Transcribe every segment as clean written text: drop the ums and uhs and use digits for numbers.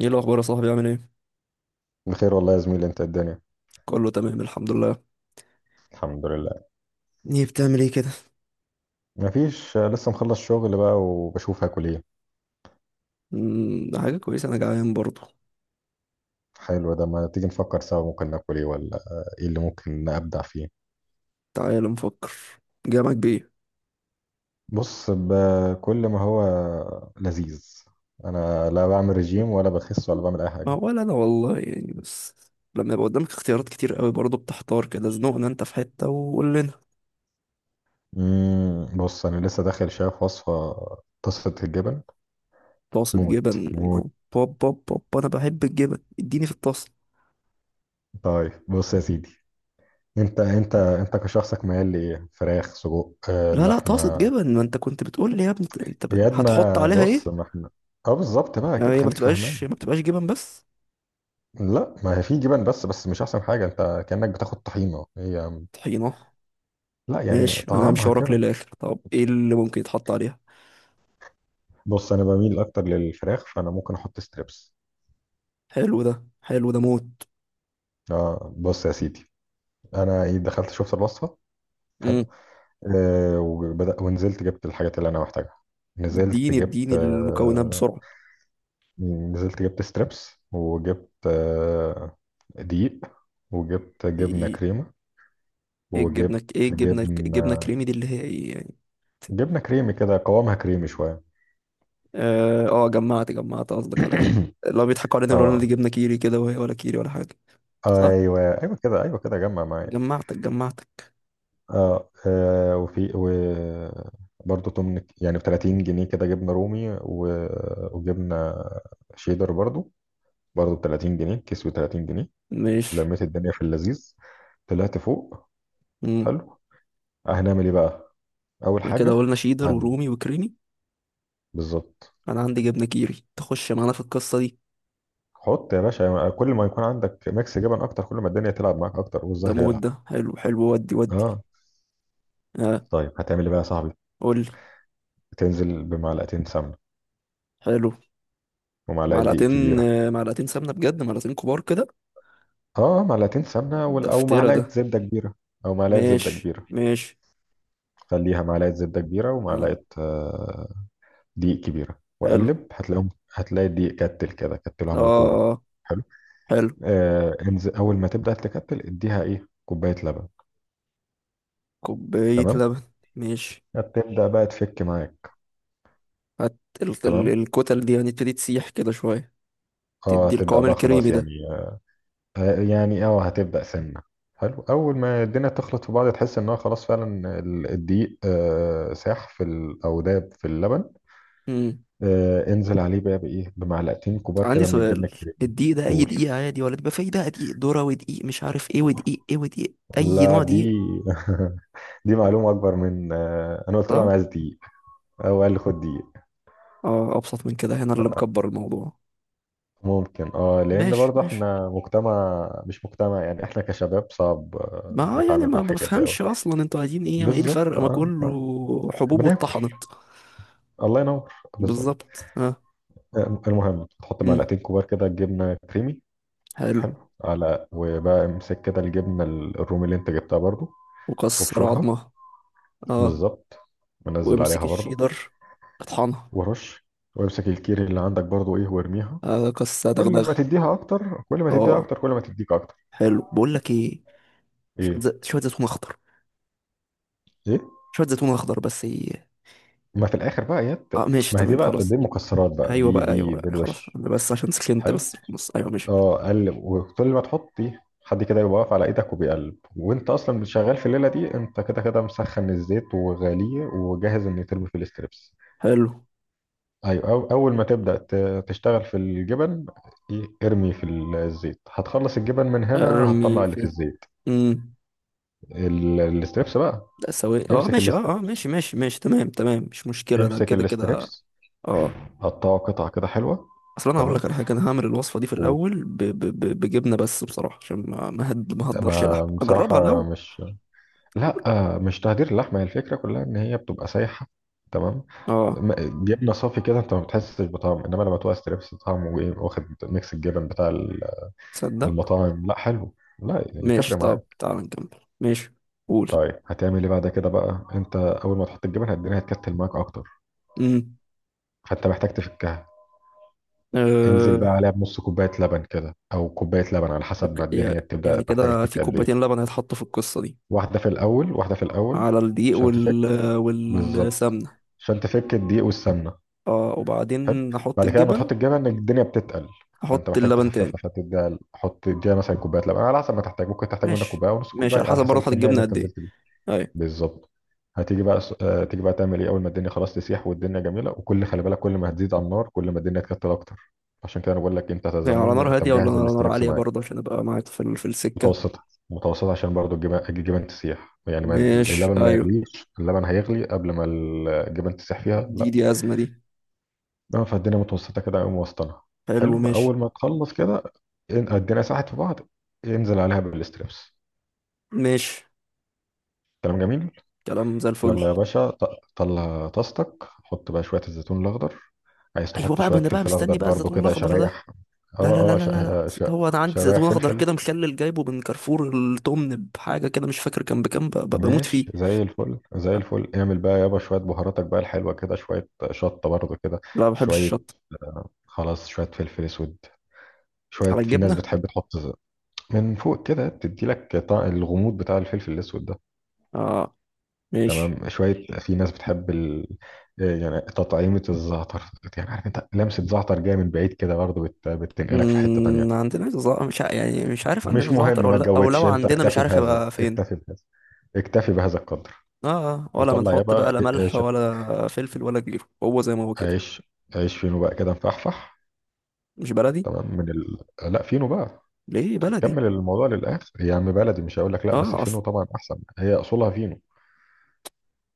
ايه الاخبار يا صاحبي؟ عامل ايه؟ بخير والله يا زميلي، انت الدنيا؟ كله تمام، الحمد لله. الحمد لله. ايه بتعمل ايه كده؟ مفيش، لسه مخلص شغل بقى وبشوف هاكل ايه. ده حاجه كويسه، انا جعان برضه. حلو ده، ما تيجي نفكر سوا ممكن ناكل ايه؟ ولا ايه اللي ممكن ابدع فيه؟ تعال نفكر. جامعك بايه؟ بص، بكل ما هو لذيذ. انا لا بعمل رجيم ولا بخس ولا بعمل اي ما حاجه. هو ولا انا والله، يعني، بس. لما يبقى قدامك اختيارات كتير قوي برضه بتحتار كده. زنقنا انت في حته وقول لنا. مم، بص انا لسه داخل شايف وصفه طاسه الجبن. طاسه جبن؟ موت موت. او بوب بوب بوب، انا بحب الجبن، اديني في الطاسه. طيب بص يا سيدي، انت كشخصك ميال لايه، فراخ، سجق، لا لا، طاسه لحمه؟ جبن، ما انت كنت بتقول لي يا ابني انت ياد هتحط ما عليها بص ايه؟ ما احنا. اه بالظبط، بقى يعني كده هي ما خليك فهمان. بتبقاش ما بتبقاش جبن بس؟ لا ما هي في جبن، بس مش احسن حاجه، انت كانك بتاخد طحينه هي. طحينه؟ لا يعني ماشي، انا همشي طعمها وراك كده. للاخر. طب ايه اللي ممكن يتحط عليها؟ بص انا بميل اكتر للفراخ، فانا ممكن احط ستريبس. حلو ده. حلو ده موت. اه بص يا سيدي، انا دخلت شفت الوصفه. حلو. امم. آه وبدأ ونزلت جبت الحاجات اللي انا محتاجها. نزلت اديني جبت اديني المكونات آه. بسرعة. نزلت جبت ستريبس وجبت آه، دقيق، وجبت جبنه ايه؟ كريمه، إيه الجبنة؟ وجبت ايه الجبنة جبن، الجبنة الكريمي دي اللي هي ايه يعني؟ جبنه كريمي كده قوامها كريمي شويه. اه. جمعت قصدك على ايه؟ لو بيضحكوا علينا يقولوا لنا دي اه. جبنة كيري كده، وهي ولا كيري ولا حاجة. صح. ايوه، ايوه كده، ايوه كده جمع معايا. جمعتك جمعتك. اه, آه وفي و برضه تمن يعني ب 30 جنيه كده جبنه رومي و... وجبنه شيدر برضه، برضه ب 30 جنيه، كيس ب 30 جنيه. ماشي. لميت الدنيا في اللذيذ، طلعت فوق. امم. حلو. هنعمل ايه بقى؟ اول بعد كده حاجه، قلنا شيدر هن... ورومي وكريمي. بالظبط. انا عندي جبنة كيري، تخش معانا في القصة دي. حط يا باشا، يعني كل ما يكون عندك ميكس جبن اكتر كل ما الدنيا تلعب معاك اكتر ده والزهر موت. يلعب. ده حلو حلو ودي ودي. اه. اه. طيب هتعمل ايه بقى يا صاحبي؟ قول لي. تنزل بمعلقتين سمنه حلو. ومعلقه دقيق معلقتين، كبيره. معلقتين سمنة؟ بجد معلقتين كبار كده؟ اه معلقتين سمنه ده او فترة معلقه ده. زبده كبيره. او معلقه زبده ماشي كبيره. ماشي. خليها معلقه زبده كبيره آه. ومعلقه دقيق كبيره، حلو. وقلب هتلاقيهم. هتلاقي الدقيق كتل كده، كتله اه. عمل كوره. آه، حلو. حلو. آه انزل، اول ما تبدا تكتل اديها ايه، كوبايه لبن. كوباية تمام. لبن. ماشي. هتبدا بقى تفك معاك. تمام. الكتل دي هنبتدي تسيح كده شوية. اه تدي هتبدا القوام بقى الكريمي خلاص ده. يعني. يعني اه هتبدأ سنة. حلو، أول ما الدنيا تخلط في بعض تحس إنها خلاص فعلا الدقيق ساح في أو داب في اللبن. مم. انزل عليه بقى بإيه، بمعلقتين كبار عندي كده من الجبنة سؤال. الكريمة. الدقيق ده أي قول. دقيق؟ عادي ولا بيبقى فيه بقى دقيق ذرة ودقيق مش عارف ايه ودقيق ايه ودقيق أي لا نوع دقيق؟ دي دي معلومة أكبر من أنا قلت له صح؟ أنا عايز دقيق. هو قال لي خد دقيق. اه، أبسط من كده، هنا اللي مكبر الموضوع. ممكن اه، لأن ماشي برضه ماشي. احنا مجتمع مش مجتمع، يعني احنا كشباب صعب ما يعني نتعامل مع ما الحاجات دي أوي. بفهمش أصلا، انتوا عايزين ايه؟ ما ايه الفرق؟ بالظبط ما اه، كله آه. حبوب بناكل. واتطحنت. الله ينور. بالظبط. بالظبط، اه. المهم تحط مم. معلقتين كبار كده جبنه كريمي. حلو. حلو. على وبقى امسك كده الجبنه الرومي اللي انت جبتها برضو. وكسر وابشرها. عظمة. اه. بالظبط. منزل وامسك عليها برضو. الشيدر. اطحنها. ورش. وامسك الكيري اللي عندك برضو ايه وارميها. آه، كسر كل ما دغدغة. تديها اكتر كل ما تديها اه. اكتر كل ما تديك اكتر. حلو، بقول لك ايه؟ ايه. شوية زيتون اخضر. ايه. شوية زيتون اخضر بس ايه؟ ما في الاخر بقى يا اه، ماشي، ما هي دي تمام، بقى، دي خلاص. المكسرات بقى، ايوه دي بقى ايوه دي بقى ده أيوة، خلاص، الوش. انا بس عشان سخنت، حلو. بس بص ايوه ماشي. اه قلب، وكل ما تحطي حد كده يبقى واقف على ايدك وبيقلب، وانت اصلا شغال في الليله دي انت كده كده مسخن الزيت وغاليه وجاهز ان يترمي في الاستريبس. حلو. ايوه، أو اول ما تبدا تشتغل في الجبن، إيه، ارمي في الزيت، هتخلص الجبن من هنا ارمي هتطلع اللي في. في الزيت. امم. الاستريبس بقى. لا سوي، اه امسك ماشي، الاست... اه اه ماشي ماشي ماشي، تمام تمام، مش مشكلة ده، امسك كده كده. الاستريبس، اه. قطعه قطع كده حلوه. اصل انا هقول تمام. لك على حاجه، انا هعمل الوصفه دي في و... الاول بجبنه بس، بصراحه عشان ما هقدرش لحم، ما اجربها بصراحه الاول. مش، لا مش تهدير اللحمه، هي الفكره كلها ان هي بتبقى سايحه. تمام. اه. جبنه صافي كده انت ما بتحسش بطعم، انما لما تبقى ستريبس طعمه ايه، واخد ميكس الجبن بتاع تصدق. المطاعم. لا حلو. لا ماشي، يتفرق طب معاك. تعال نكمل، ماشي. قول. طيب هتعمل ايه بعد كده بقى؟ انت اول ما تحط الجبن الدنيا هتكتل معاك اكتر، امم. فانت محتاج تفكها. انزل بقى أه... عليها بنص كوبايه لبن كده او كوبايه لبن على حسب ما لك- يا- الدنيا تبدا يعني محتاجه كده في تفك قد كوبايتين ايه. لبن هيتحطوا في القصة دي؟ واحده في الاول، واحده في الاول، على الدقيق عشان تفك. بالظبط، والسمنة. عشان تفك الدقيق والسمنه. اه، حلو. وبعدين هحط بعد كده لما الجبن. تحط الجبن الدنيا بتتقل، فانت هحط محتاج اللبن تاني. تخففها، فتديها حط اديها مثلا كوبايه لبن على حسب ما تحتاج، ممكن تحتاج منك ماشي كوبايه ونص ماشي. كوبايه على على حسب حسب برضه هحط الكميه اللي الجبنة انت قد ايه؟ نزلت بيها. ايوه. بالظبط. هتيجي بقى هتيجي بقى تعمل ايه، اول ما الدنيا خلاص تسيح والدنيا جميله وكل، خلي بالك كل ما هتزيد على النار كل ما الدنيا تكتل اكتر. عشان كده انا بقول لك انت يا يعني على زمون نار انت هادية ولا مجهز على نار الاستريبس عالية معاك. برضه، عشان ابقى معاك في السكة؟ متوسطه. متوسطه عشان برضو الجبن، الجبن تسيح يعني ما، ماشي، اللبن ما ايوه. يغليش، اللبن هيغلي قبل ما الجبن تسيح فيها. دي أزمة دي. اه فالدنيا متوسطه كده، قوم وسطنا. حلو، حلو. ماشي. اول ما تخلص كده الدنيا ساحت في بعض، انزل عليها بالاستريبس. ماشي. كلام جميل. كلام زي الفل. يلا يا باشا طلع طاستك، حط بقى شويه الزيتون الاخضر. عايز ايوه تحط بقى، ما شويه انا بقى فلفل اخضر مستني بقى برضو الزيتون كده الاخضر ده. شرايح. لا لا لا اه اه لا لا لا. هو انا عندي شرايح زيتون اخضر فلفل. كده مخلل جايبه من كارفور، التمن بحاجه كده مش فاكر كان بكام، بموت ماشي، فيه. زي الفل زي الفل. اعمل بقى يابا شويه بهاراتك بقى الحلوه كده، شويه شطه برضو كده، لا، ما بحبش شويه. الشطه. خلاص شويه فلفل اسود، على شويه. في ناس الجبنه؟ بتحب تحط من فوق كده، تدي لك الغموض بتاع الفلفل الاسود ده. اه، ماشي. تمام. شويه في ناس بتحب ال... آه، يعني تطعيمه الزعتر، يعني عارف انت لمسه زعتر جايه من بعيد كده برضه بتنقلك في حته تانية. عندنا زع... مش ع... يعني مش عارف عندنا مش مهم، زعتر ولا ما لأ، او لو تجودش، انت عندنا مش اكتفي عارف بهذا، هيبقى فين. اكتفي بهذا، اكتفي بهذا القدر. اه. ولا وطلع بنحط يابا بقى لا ملح عيش، ولا فلفل ولا غيره، هو زي ما هو كده؟ عيش، عيش فينو بقى كده مفحفح. مش بلدي. تمام. من لا فينو بقى. ليه بلدي؟ كمل الموضوع للاخر يا عم، بلدي مش هقول لك لا، بس اه، الفينو اصل طبعا احسن، هي اصولها فينو.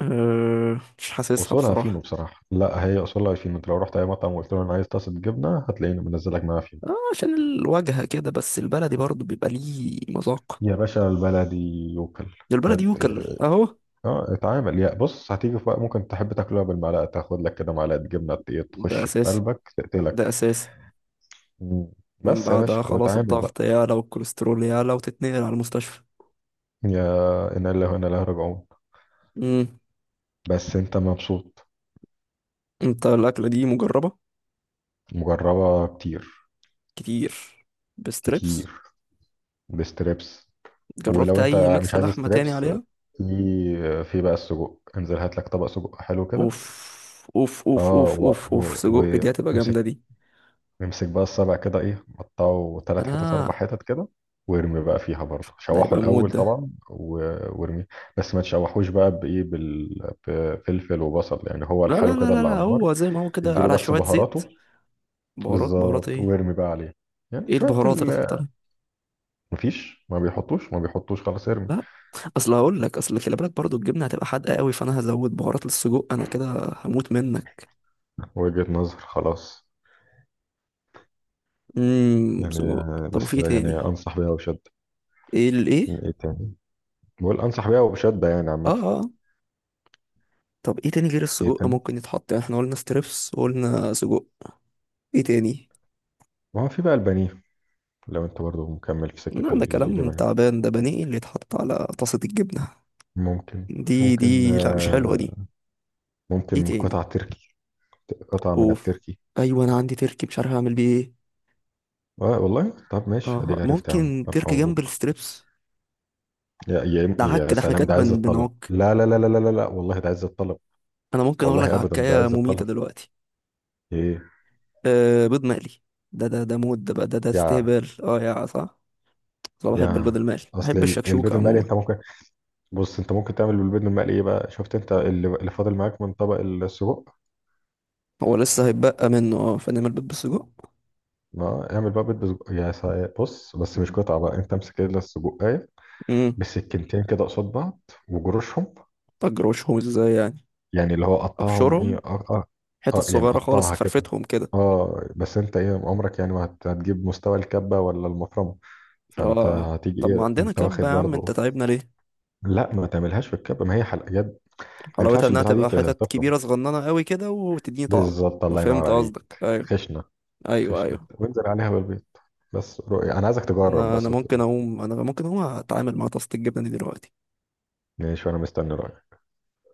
مش حاسسها اصولها فينو بصراحه. بصراحه، لا هي اصولها فينو، انت لو رحت اي مطعم وقلت له انا عايز طاسه جبنه هتلاقيني منزلك معاها فينو. اه، عشان الواجهه كده، بس البلدي برضه بيبقى ليه مذاق. يا باشا البلدي يوكل. البلد هت... يوكل اهو. اه اتعامل يا بص، هتيجي في وقت ممكن تحب تاكلها بالمعلقه، تاخد لك كده معلقه جبنه إيه، ده تخش في اساسي، قلبك ده تقتلك. اساسي. مم. من بس يا باشا بعدها خلاص واتعامل بقى. الضغط يعلى والكوليسترول يعلى، وتتنقل على المستشفى. يا انا اللي هنا لا راجعون. امم. بس انت مبسوط. انت الاكله دي مجربه؟ مجربه كتير. كتير؟ بستريبس؟ كتير بستريبس. جربت ولو اي انت مش ميكس عايز لحمه تاني ستريبس، عليها؟ في، في بقى السجق. انزل هات لك طبق سجق حلو كده. اوف اوف اوف اه اوف اوف اوف، سجق دي هتبقى وامسك، جامده دي. امسك بقى السبع كده ايه، قطعه ثلاث حتت اربع اه، حتت كده. وارمي بقى فيها برضه ده شوحه هيبقى موت الاول ده. طبعا و- وارميه، بس ما تشوحوش بقى بايه بفلفل وبصل، يعني هو لا لا لحاله لا كده لا اللي لا، على النار. هو زي ما هو كده اديله على بس شويه زيت. بهاراته. بهارات. بهارات بالظبط، ايه؟ وارمي بقى عليه يعني ايه شوية البهارات اللي تحت عليها؟ مفيش، ما بيحطوش خلاص، ارمي. اصل هقول لك اصل خلي بالك برضو، الجبنه هتبقى حادقه قوي، فانا هزود بهارات للسجق انا كده. هموت منك. وجهة نظر خلاص. يعني سجق، طب وفي بس ايه يعني تاني؟ انصح بيها وبشدة. ايه الايه؟ ايه تاني؟ بقول انصح بيها وبشدة يعني اه عامة. اه. طب ايه تاني غير ايه السجق تاني؟ ممكن يتحط؟ يعني احنا قلنا ستريبس وقلنا سجق. ايه تاني؟ ما هو في بقى البانيه، لو انت برضو مكمل في سكة لا، ده كلام الجبن. تعبان ده، بانيه اللي يتحط على طاسه الجبنه؟ ممكن. دي ممكن دي لا مش حلوه دي. ايه ممكن تاني؟ قطع تركي، قطع من اوف. التركي. ايوه، انا عندي تركي مش عارف اعمل بيه ايه. آه والله طب اه. ماشي، اديك آه. عرفت يا عم، ممكن الف تركي جنب مبروك. الستريبس؟ يا يا ده يا عك ده، احنا سلام، كده ده عز الطلب، بنعك. لا لا لا لا لا لا لا، والله ده عز الطلب. انا ممكن اقول لك والله ابدا ده عكايه عز مميته الطلب. دلوقتي. ايه؟ آه، بيض مقلي. ده مود ده بقى، ده يا، استهبال، اه يا صح. انا بحب يا البيض المقلي، اصل بحب البيض الشكشوكة المقلي عموما. انت ممكن، بص انت ممكن تعمل بالبيض المقلي ايه بقى، شفت انت اللي فاضل معاك من طبق السجق. هو لسه هيتبقى منه، اه، فنعمل بيض بالسجق. ما اعمل بقى بيض بسجق يا بص بس مش قطعه بقى، انت امسك كده السجق، أيوه. امم. بسكينتين كده قصاد بعض وجروشهم. اجروشهم ازاي يعني؟ يعني اللي هو قطعهم ايه ابشرهم. اه اه. حتت اه يعني صغيرة خالص قطعها كده. فرفتهم كده. اه بس انت ايه عمرك يعني، ما هتجيب مستوى الكبة ولا المفرمة؟ اه. فانت آه. هتيجي طب ايه ما عندنا انت واخد كبة يا عم، انت برضو. تعبنا ليه؟ لا ما تعملهاش في الكبة، ما هي حلقة يد. ما حلاوتها ينفعش انها البتاعة دي تبقى حتت تفرم. كبيرة صغننة قوي كده وتديني طعم. بالظبط ما الله ينور فهمت عليك. قصدك، ايوه. خشنة. ايوه خشنة ايوه. وانزل عليها بالبيض. بس رؤية انا عايزك تجرب انا انا بس وتقول ممكن لي. اقوم انا ممكن اقوم اتعامل مع طاسة الجبنة دي دلوقتي. ماشي وانا مستني رأيك.